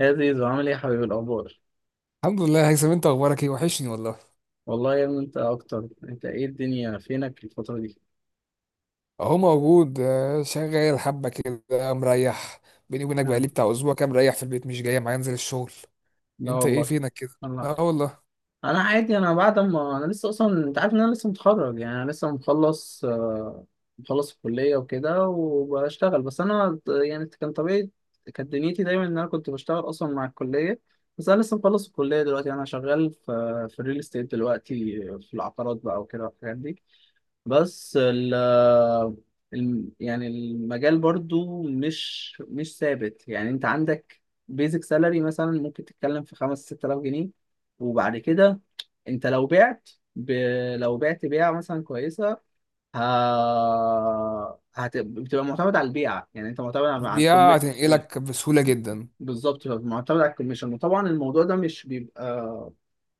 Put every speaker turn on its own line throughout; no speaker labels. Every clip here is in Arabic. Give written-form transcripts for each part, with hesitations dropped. يا زيزو، عامل ايه يا حبيبي؟ الاخبار.
الحمد لله يا هيثم، انت اخبارك ايه؟ وحشني والله.
والله يا ابني انت اكتر. انت ايه، الدنيا فينك الفتره دي؟
اهو موجود، شغال حبه كده مريح. بيني وبينك
مم.
بقالي بتاع اسبوع كام مريح في البيت، مش جاي معايا انزل الشغل.
لا
انت ايه
والله.
فينك كده؟
الله.
اه والله.
انا عادي، انا بعد ما انا لسه اصلا، انت عارف ان انا لسه متخرج، يعني انا لسه مخلص، مخلص الكليه وكده وبشتغل. بس انا يعني كان طبيعي، كانت دنيتي دايما ان انا كنت بشتغل اصلا مع الكليه. بس انا لسه مخلص الكليه دلوقتي. انا شغال في الريل استيت دلوقتي، في العقارات بقى وكده والحاجات دي. بس يعني المجال برضو مش ثابت. يعني انت عندك بيزك سالري مثلا، ممكن تتكلم في خمس ست آلاف جنيه. وبعد كده انت لو بعت، ب... لو بعت بيعة مثلا كويسة، ه... بتبقى معتمد على البيعة. يعني انت معتمد على
دي
الكم.
هتنقلك بسهوله جدا.
بالظبط، معتمد على الكوميشن. وطبعا الموضوع ده مش بيبقى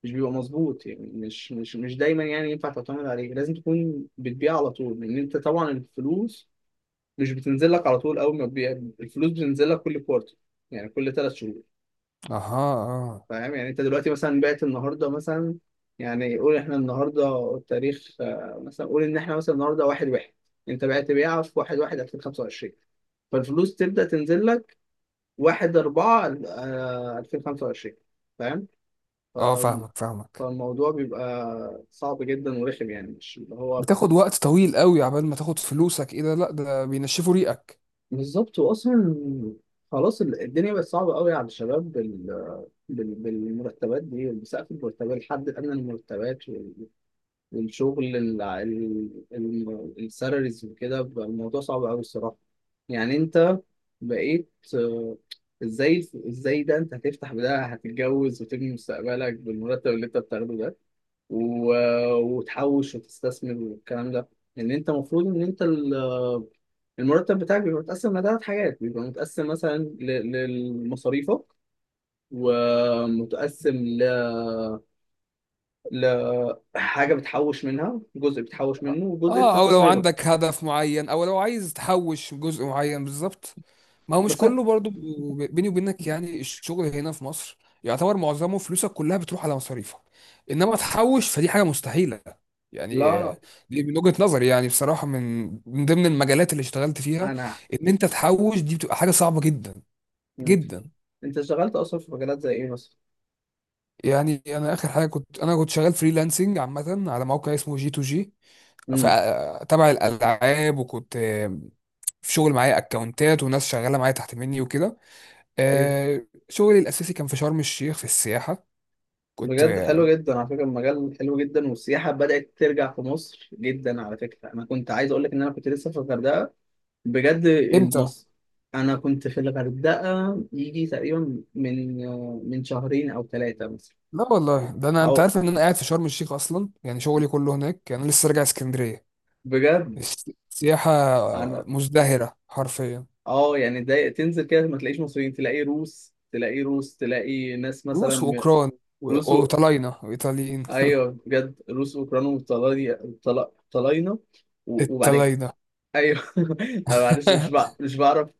مش بيبقى مظبوط، يعني مش دايما يعني ينفع تعتمد عليه. لازم تكون بتبيع على طول، لان انت طبعا الفلوس مش بتنزل لك على طول اول ما تبيع. الفلوس بتنزل لك كل كوارتر، يعني كل ثلاث شهور.
اها. اه.
فاهم؟ يعني انت دلوقتي مثلا بعت النهارده مثلا، يعني قول احنا النهارده التاريخ مثلا قول ان احنا مثلا النهارده واحد واحد. انت بعت بيعه في واحد واحد 2025، فالفلوس تبدأ تنزل لك 1 4 2025. فاهم؟ ف...
اه، فاهمك فاهمك.
فالموضوع بيبقى صعب جدا ورخم، يعني مش اللي هو.
بتاخد وقت طويل قوي عبال ما تاخد فلوسك. ايه ده؟ لا ده بينشفوا ريقك.
بالظبط. واصلا خلاص، الدنيا بقت صعبه قوي على الشباب، بالمرتبات دي، بسقف المرتبات، الحد الادنى للمرتبات، والشغل السالاريز وكده، بقى الموضوع صعب قوي الصراحه. يعني انت بقيت ازاي، ازاي ده انت هتفتح، بده هتتجوز وتبني مستقبلك بالمرتب اللي انت بتاخده ده، وتحوش وتستثمر والكلام ده. لان انت المفروض ان انت المرتب بتاعك بيبقى متقسم لثلاث حاجات. بيبقى متقسم مثلا لمصاريفك، ومتقسم لحاجة بتحوش منها جزء، بتحوش منه، وجزء
اه، او لو
بتستثمره.
عندك هدف معين او لو عايز تحوش جزء معين بالظبط. ما هو مش
بس أنا-
كله برضو، بيني وبينك، يعني الشغل هنا في مصر يعتبر معظمه فلوسك كلها بتروح على مصاريفك. انما تحوش فدي حاجه مستحيله. يعني
لا،
دي من وجهه نظري يعني، بصراحه، من ضمن المجالات اللي اشتغلت فيها
أنا.
ان انت تحوش دي بتبقى حاجه صعبه جدا
مم.
جدا.
أنت اشتغلت أصلا في مجالات زي إيه مثلا؟
يعني انا اخر حاجه كنت شغال فريلانسنج عامه على موقع اسمه جي تو جي
امم.
تبع الالعاب، وكنت في شغل معايا اكونتات وناس شغاله معايا تحت مني وكده.
أيوه،
آه، شغلي الاساسي كان في شرم الشيخ في السياحه. كنت
بجد حلو جدا. على فكرة المجال حلو جدا، والسياحة بدأت ترجع في مصر جدا. على فكرة أنا كنت عايز أقول لك إن أنا كنت لسه في الغردقة بجد.
امتى؟
انا كنت في الغردقه يجي تقريبا من شهرين او ثلاثه مثلا.
لا والله، ده انا
او
انت عارف ان انا قاعد في شرم الشيخ اصلا، يعني شغلي كله هناك، يعني انا لسه راجع اسكندريه.
بجد.
السياحه
انا
مزدهره حرفيا.
اه، يعني ده تنزل كده ما تلاقيش مصريين، تلاقي روس، تلاقي روس، تلاقي ناس مثلا،
روس واوكران،
روس
وطلاينه وايطاليين.
ايوه بجد، روس واوكران وطلاينة، طلاينة، وبعد كده
الطلاينه
ايوه. انا معلش مش بعرف،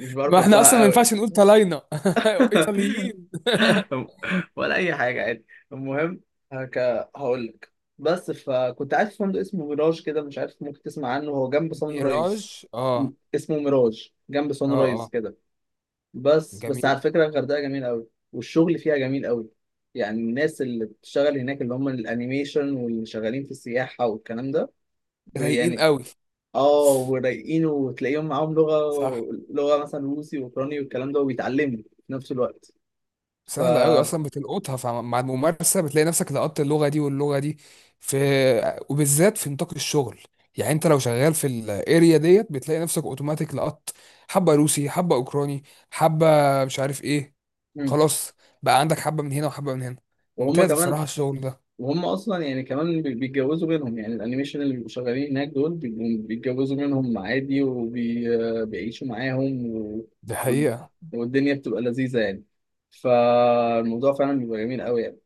مش بعرف
ما احنا اصلا
انطقها
ما
قوي.
ينفعش نقول طلاينه ايطاليين
ولا اي حاجه عادي. المهم هك... هقول لك. بس فكنت قاعد في فندق اسمه ميراج كده، مش عارف ممكن تسمع عنه، هو جنب سان رايز.
ميراج،
م-
اه.
اسمه ميراج جنب سان
اه
رايز
اه.
كده. بس
جميل.
على فكره الغردقه جميله قوي، والشغل فيها جميل قوي. يعني الناس اللي بتشتغل هناك اللي هم الانيميشن واللي شغالين في السياحه والكلام ده
رايقين
يعني
قوي.
اه، ورايقين، وتلاقيهم معاهم لغه،
صح.
لغه مثلا روسي واوكراني والكلام ده، وبيتعلموا في نفس الوقت. ف
سهلة أوي أصلا بتلقطها، فمع الممارسة بتلاقي نفسك لقطت اللغة دي واللغة دي. في، وبالذات في نطاق الشغل، يعني أنت لو شغال في الأريا ديت بتلاقي نفسك أوتوماتيك لقطت حبة روسي، حبة أوكراني، حبة مش عارف إيه.
مم.
خلاص، بقى عندك حبة من هنا وحبة من هنا.
وهم
ممتاز
كمان،
بصراحة الشغل ده.
وهم اصلا يعني كمان بيتجوزوا منهم. يعني الانيميشن اللي بيبقوا شغالين هناك دول بيبقوا بيتجوزوا منهم عادي، وبيعيشوا معاهم،
دي
و-
حقيقة.
والدنيا بتبقى لذيذة يعني. فالموضوع فعلا بيبقى جميل قوي يعني.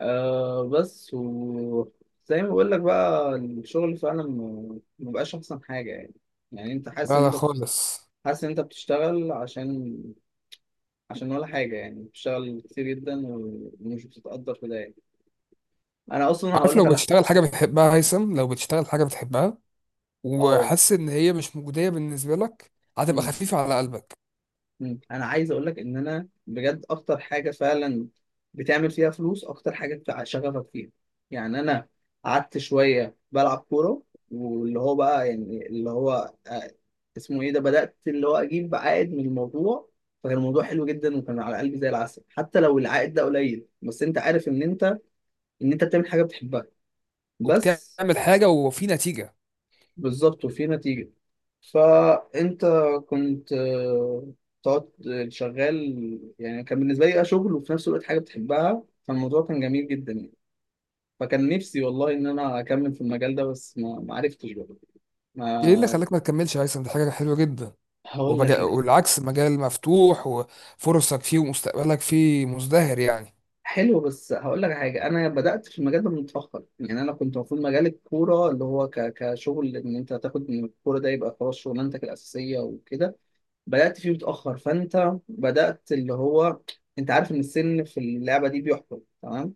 آه، بس وزي ما بقول لك بقى، الشغل فعلا ما بقاش احسن حاجة يعني. يعني انت حاسس
لا
ان
لا
انت،
خالص.
حاسس ان انت بتشتغل عشان ولا حاجة، يعني بتشتغل كتير جدا، ومش بتتقدر في ده يعني. انا اصلا هقول
عارف،
لك
لو
على
بتشتغل حاجة بتحبها هيثم، لو بتشتغل حاجة بتحبها
اه.
وحاسس إن هي مش مجدية بالنسبة لك، هتبقى خفيفة على قلبك.
مم. انا عايز اقول لك ان انا بجد اكتر حاجه فعلا بتعمل فيها فلوس، اكتر حاجه شغفك فيها. يعني انا قعدت شويه بلعب كوره، واللي هو بقى يعني اللي هو اسمه ايه ده، بدات اللي هو اجيب عائد من الموضوع. فكان الموضوع حلو جدا، وكان على قلبي زي العسل. حتى لو العائد ده قليل، بس انت عارف ان انت، ان انت بتعمل حاجه بتحبها بس.
وبتعمل حاجه وفي نتيجه.
بالظبط، وفي نتيجة. فأنت كنت تقعد شغال. يعني كان بالنسبة لي ده شغل، وفي نفس الوقت حاجة بتحبها. فالموضوع كان جميل جدا يعني. فكان نفسي والله إن أنا أكمل في المجال ده، بس ما عرفتش بقى.
ايه اللي
ما.
خلاك ما تكملش يا هيثم؟ دي حاجه حلوه جدا.
هقول لك إيه.
والعكس، مجال مفتوح وفرصك فيه ومستقبلك فيه مزدهر يعني.
حلو، بس هقول لك حاجة، أنا بدأت في المجال ده متأخر. يعني أنا كنت المفروض مجال الكورة، اللي هو كشغل، إن أنت تاخد من الكورة ده يبقى خلاص شغلانتك الأساسية وكده. بدأت فيه متأخر، فأنت بدأت اللي هو، أنت عارف إن السن في اللعبة دي بيحكم تمام.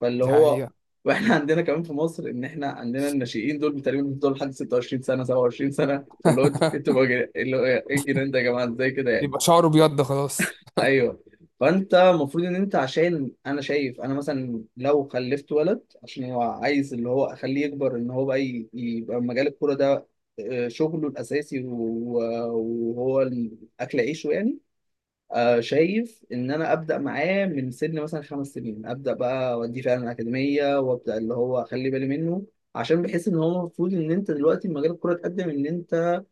فاللي
دي
هو.
حقيقه.
وإحنا عندنا كمان في مصر، إن إحنا عندنا الناشئين دول تقريبا بيفضلوا لحد 26 سنة، 27 سنة. فاللي هو، أنتوا بقى، اللي هو إيه الجنان ده يا جماعة، إزاي كده يعني؟
يبقى شعره ابيض، ده خلاص.
أيوه. فأنت المفروض إن أنت، عشان أنا شايف، أنا مثلا لو خلفت ولد، عشان هو عايز اللي هو أخليه يكبر، إن هو بقى يبقى مجال الكورة ده شغله الأساسي، وهو أكل عيشه يعني. شايف ان انا ابدا معاه من سن مثلا خمس سنين، ابدا بقى اوديه فعلا الاكاديميه، وابدا اللي هو اخلي بالي منه. عشان بحس ان هو المفروض ان انت دلوقتي مجال الكوره اتقدم. ان انت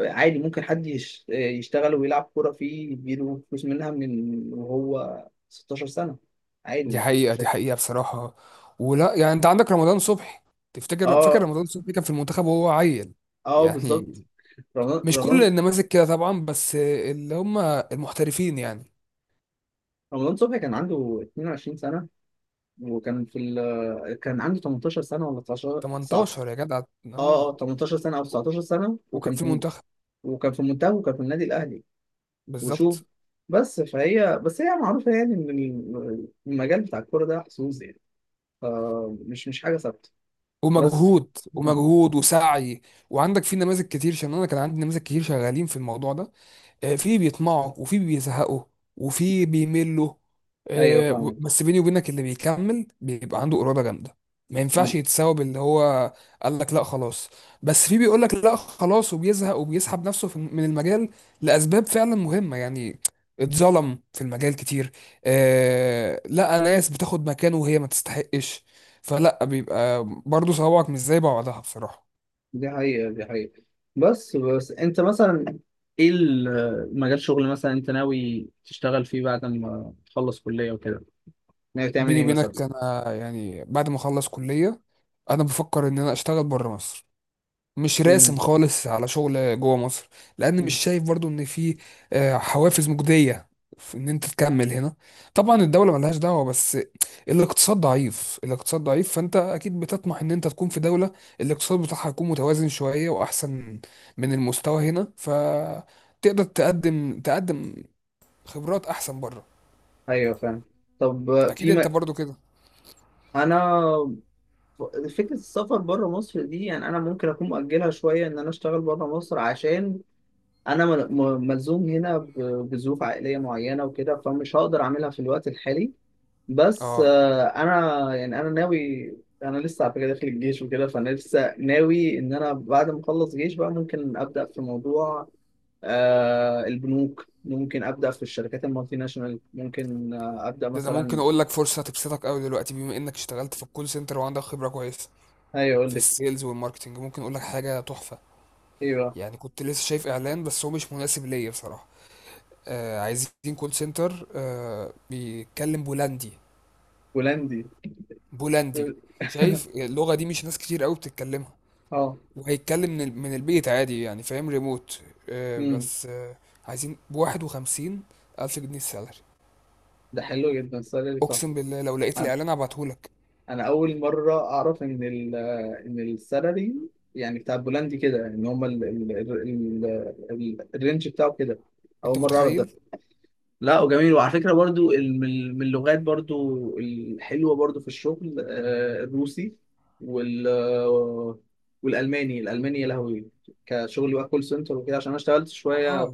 عادي ممكن حد يشتغل ويلعب كوره فيه يديله فلوس منها، من وهو 16 سنه، عادي
دي
ما فيش
حقيقه دي
مشاكل.
حقيقه بصراحه. ولا يعني انت عندك رمضان صبحي، تفتكر، فاكر
اه
رمضان صبحي كان في المنتخب وهو عيل؟
اه
يعني
بالظبط. رمضان
مش كل
رمضان
النماذج كده طبعا، بس اللي هم المحترفين يعني.
رمضان صبحي كان عنده 22 سنه، وكان في كان عنده 18 سنه ولا 19، 19.
18 يا جدع.
اه
اه،
اه، 18 سنه او 19 سنه،
وكان
وكان
في
في،
المنتخب.
وكان في منتخب، وكان في النادي الاهلي. وشوف.
بالظبط.
فهي بس هي معروفه، يعني ان المجال بتاع الكوره ده حظوظ يعني، فمش مش حاجه ثابته بس.
ومجهود
مم.
ومجهود وسعي. وعندك في نماذج كتير، عشان انا كان عندي نماذج كتير شغالين في الموضوع ده، في بيطمعوا وفي بيزهقوا وفي بيملوا،
ايوه فاهمك.
بس بيني وبينك اللي بيكمل بيبقى عنده إرادة جامدة. ما
مم.
ينفعش يتساوى باللي هو قال لك لا خلاص. بس في بيقول لك لا خلاص وبيزهق وبيسحب نفسه من المجال لأسباب فعلا مهمة، يعني اتظلم في المجال كتير. آه، لا ناس بتاخد مكانه وهي ما تستحقش، فلا بيبقى برضه صوابعك مش زي بعضها بصراحة.
دي حقيقه دي حقيقه. بس انت مثلا ايه مجال شغل مثلا انت ناوي تشتغل فيه بعد ما تخلص كليه وكده، ناوي تعمل
بيني
ايه مثلا؟
وبينك انا يعني بعد ما اخلص كلية، انا بفكر ان انا اشتغل بره مصر. مش راسم
مم.
خالص على شغل جوه مصر. لان مش
مم.
شايف برضو ان في حوافز مجدية في ان انت تكمل هنا. طبعا الدولة ملهاش دعوة، بس الاقتصاد ضعيف، الاقتصاد ضعيف، فانت اكيد بتطمح ان انت تكون في دولة الاقتصاد بتاعها يكون متوازن شوية واحسن من المستوى هنا، فتقدر تقدم تقدم خبرات احسن بره.
ايوه فاهم. طب،
اكيد
في
انت
م...
برضو كده.
انا، فكرة السفر بره مصر دي، يعني أنا ممكن أكون مؤجلها شوية إن أنا أشتغل بره مصر، عشان أنا ملزوم هنا بظروف عائلية معينة وكده. فمش هقدر أعملها في الوقت الحالي. بس
اه،
أنا يعني أنا ناوي، أنا لسه على فكرة داخل الجيش وكده. فأنا لسه ناوي إن أنا بعد ما أخلص جيش بقى ممكن أبدأ في موضوع البنوك، ممكن أبدأ في الشركات المالتي ناشونال، ممكن أبدأ
ده انا ممكن
مثلا.
اقول لك فرصه هتبسطك قوي دلوقتي، بما انك اشتغلت في الكول سنتر وعندك خبره كويسه
أيوه، أقول
في
لك.
السيلز والماركتنج، ممكن اقول لك حاجه تحفه.
أيوه.
يعني كنت لسه شايف اعلان، بس هو مش مناسب ليا بصراحه. آه، عايزين كول سنتر آه بيتكلم بولندي.
هولندي.
بولندي. شايف اللغه دي مش ناس كتير قوي بتتكلمها.
اه.
وهيتكلم من من البيت عادي، يعني فاهم، ريموت. آه
امم.
بس آه عايزين بواحد وخمسين الف جنيه السالري.
ده حلو جدا السالري،
اقسم
تحفه.
بالله لو لقيت
انا،
الاعلان هبعتهولك.
أنا اول مره اعرف ان ان السالري، يعني بتاع البولندي كده، ان هم ال الرينج بتاعه كده، اول
انت
مره اعرف
متخيل؟
ده. لا، وجميل. وعلى فكره برضو من اللغات برضو الحلوه برضو في الشغل الروسي وال والالماني. الالماني يا لهوي، كشغل بقى كول سنتر وكده. عشان انا اشتغلت شويه
اه.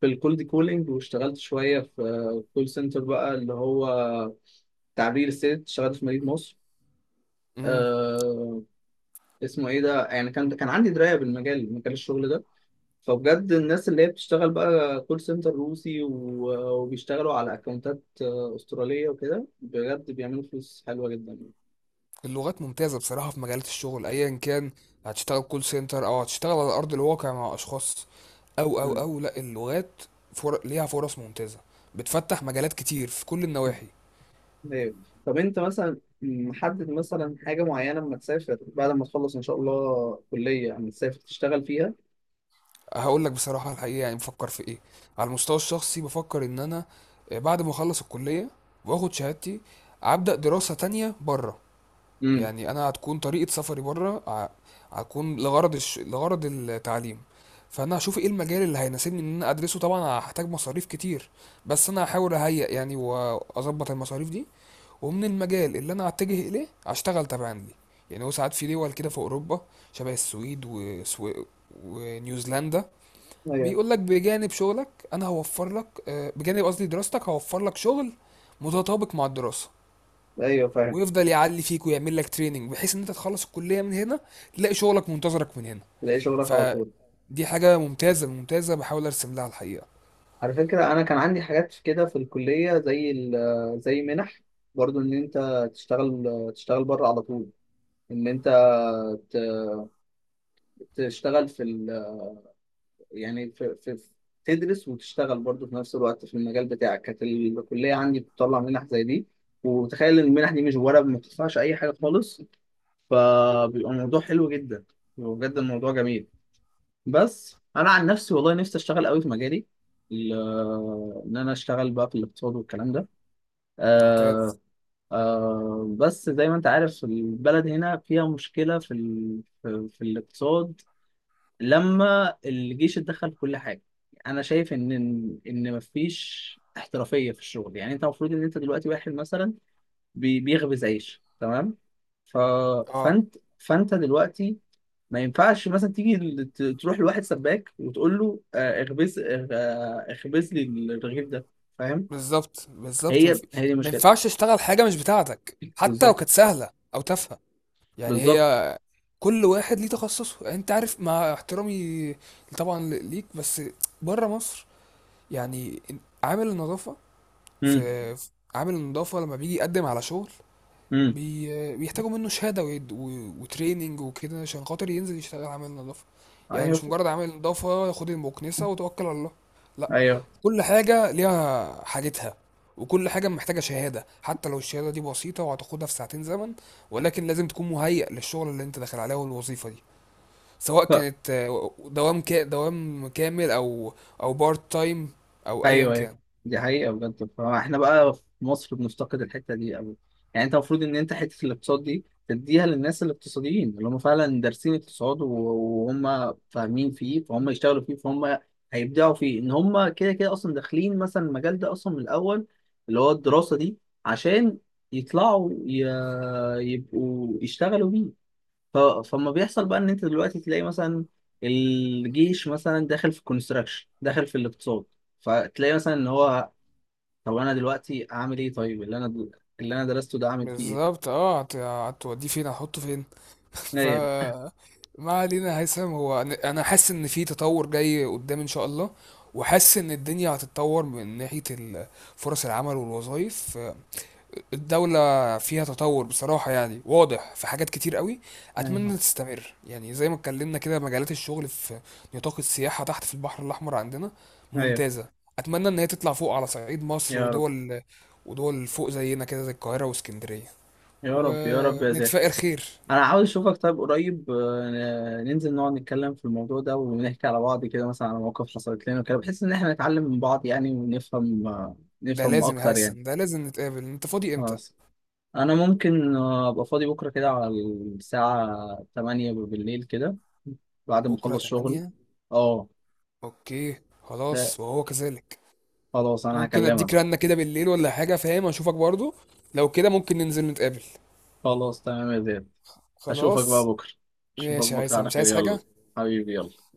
في الكولد كولينج، واشتغلت شويه في كول سنتر بقى، اللي هو تعبير الست. اشتغلت في مدينة مصر، آه، اسمه ايه ده، يعني كان عندي دراية بالمجال، مجال الشغل ده. فبجد الناس اللي هي بتشتغل بقى كول سنتر روسي، وبيشتغلوا على اكونتات استرالية وكده، بجد بيعملوا فلوس حلوة جدا يعني.
اللغات ممتازة بصراحة في مجالات الشغل أيا كان، هتشتغل كول سنتر أو هتشتغل على أرض الواقع مع أشخاص، أو أو
مم.
أو لأ اللغات ليها فرص ممتازة، بتفتح مجالات كتير في كل النواحي.
ايوه. طب انت مثلا محدد مثلا حاجة معينة لما تسافر بعد ما تخلص ان شاء الله كلية، اما تسافر تشتغل فيها؟
هقول لك بصراحة الحقيقة، يعني بفكر في إيه؟ على المستوى الشخصي بفكر إن أنا بعد ما أخلص الكلية وآخد شهادتي، أبدأ دراسة تانية بره.
امم.
يعني انا هتكون طريقه سفري بره هتكون لغرض لغرض التعليم. فانا هشوف ايه المجال اللي هيناسبني ان انا ادرسه. طبعا هحتاج مصاريف كتير، بس انا هحاول اهيئ يعني واظبط المصاريف دي، ومن المجال اللي انا هتجه اليه هشتغل تبعا ليه. يعني هو ساعات في دول كده في اوروبا، شبه السويد ونيوزيلندا،
ايوه.
بيقول لك بجانب شغلك انا هوفر لك، بجانب قصدي دراستك هوفر لك شغل متطابق مع الدراسة،
ايوه فاهم.
ويفضل يعلي فيك ويعمل لك تريننج، بحيث ان انت تخلص الكليه من هنا تلاقي شغلك منتظرك من هنا.
تلاقي شغلك على طول.
فدي حاجه ممتازه ممتازه بحاول ارسم لها الحقيقه.
على فكرة أنا كان عندي حاجات كده في الكلية، زي زي منح، برضو إن أنت تشتغل، تشتغل بره على طول. إن أنت ت- تشتغل في ال، يعني في, في تدرس وتشتغل برضو في نفس الوقت في المجال بتاعك. كانت الكلية عندي بتطلع منح زي دي، وتخيل إن المنح دي مش ورق، ما بتدفعش أي حاجة خالص. فبيبقى الموضوع حلو جدا، بيبقى بجد الموضوع جميل. بس أنا عن نفسي والله نفسي أشتغل قوي في مجالي، ال- إن أنا أشتغل بقى في الاقتصاد والكلام ده، آه.
ممتاز.
آه، بس زي ما انت عارف البلد هنا فيها مشكلة في في الاقتصاد. لما الجيش اتدخل في كل حاجة، انا شايف ان إن مفيش احترافية في الشغل. يعني انت المفروض ان انت دلوقتي واحد مثلا بيخبز عيش تمام. ف...
اه.
فانت دلوقتي ما ينفعش مثلا تيجي تروح لواحد سباك وتقول له اخبز، اخبز لي الرغيف ده. فاهم؟
بالظبط بالظبط
هي هي دي
ما
المشكلة.
ينفعش تشتغل حاجه مش بتاعتك حتى لو
بالظبط
كانت سهله او تافهه. يعني
بالظبط.
هي كل واحد ليه تخصصه، يعني انت عارف مع احترامي طبعا ليك، بس بره مصر يعني عامل النظافه
امم.
في، عامل النظافه لما بيجي يقدم على شغل،
امم.
بيحتاجوا منه شهادة وتريننج وكده، عشان خاطر ينزل يشتغل عامل نظافة. يعني
ايوه
مش مجرد عامل نظافة خد المكنسة وتوكل على الله، لا.
ايوه.
كل حاجة ليها حاجتها، وكل حاجة محتاجة شهادة، حتى لو الشهادة دي بسيطة وهتاخدها في ساعتين زمن، ولكن لازم تكون مهيأ للشغل اللي انت داخل عليه والوظيفة دي، سواء
ف...
كانت دوام دوام كامل او بارت تايم او ايا
ايوه ايوه.
كان.
دي حقيقه بجد. فاحنا بقى في مصر بنفتقد الحته دي قوي. يعني انت المفروض ان انت حته الاقتصاد دي تديها للناس الاقتصاديين اللي هم فعلا دارسين اقتصاد، وهم فاهمين فيه، فهم يشتغلوا فيه، فهم هيبدعوا فيه. ان هم كده كده اصلا داخلين مثلا المجال ده اصلا من الاول، اللي هو الدراسه دي، عشان يطلعوا يبقوا يشتغلوا بيه. فما بيحصل بقى ان انت دلوقتي تلاقي مثلا الجيش مثلا داخل في الكونستراكشن، داخل في الاقتصاد. فتلاقي مثلا ان هو، طب انا دلوقتي اعمل ايه، طيب اللي انا، اللي انا درسته ده اعمل فيه
بالظبط، اه، هتوديه فين؟ هتحطه فين؟ ف
ايه.
ما علينا هيثم. هو انا حاسس ان في تطور جاي قدام ان شاء الله، وحاسس ان الدنيا هتتطور من ناحية فرص العمل والوظائف. الدولة فيها تطور بصراحة، يعني واضح في حاجات كتير قوي.
ايوه
اتمنى تستمر. يعني زي ما اتكلمنا كده، مجالات الشغل في نطاق السياحة تحت في البحر الاحمر عندنا
ايوه ايوه.
ممتازة. اتمنى ان هي تطلع فوق على صعيد مصر
يا رب.
ودول، ودول فوق زينا كده زي القاهرة واسكندرية،
يا رب يا رب يا زين.
ونتفائر خير.
انا عاوز اشوفك طيب قريب، ننزل نقعد نتكلم في الموضوع ده، ونحكي على بعض كده مثلا على مواقف حصلت لنا وكده، بحيث ان احنا نتعلم من بعض يعني، ونفهم
ده
نفهم
لازم يا
اكتر يعني.
حسن، ده لازم نتقابل. انت فاضي امتى؟
خلاص، انا ممكن ابقى فاضي بكره كده على الساعه 8 بالليل كده، بعد ما
بكره
اخلص شغل.
8.
اه.
اوكي
لا،
خلاص وهو كذلك.
خلاص انا
ممكن
هكلمك
اديك
بقى.
رنه كده بالليل ولا حاجه، فاهم، اشوفك برضو، لو كده ممكن ننزل نتقابل.
خلاص تمام يا زياد. اشوفك بقى
خلاص،
بكره. اشوفك
ماشي يا
بكره
هيثم،
على
مش
خير،
عايز
يلا.
حاجه.
حبيبي، يلا.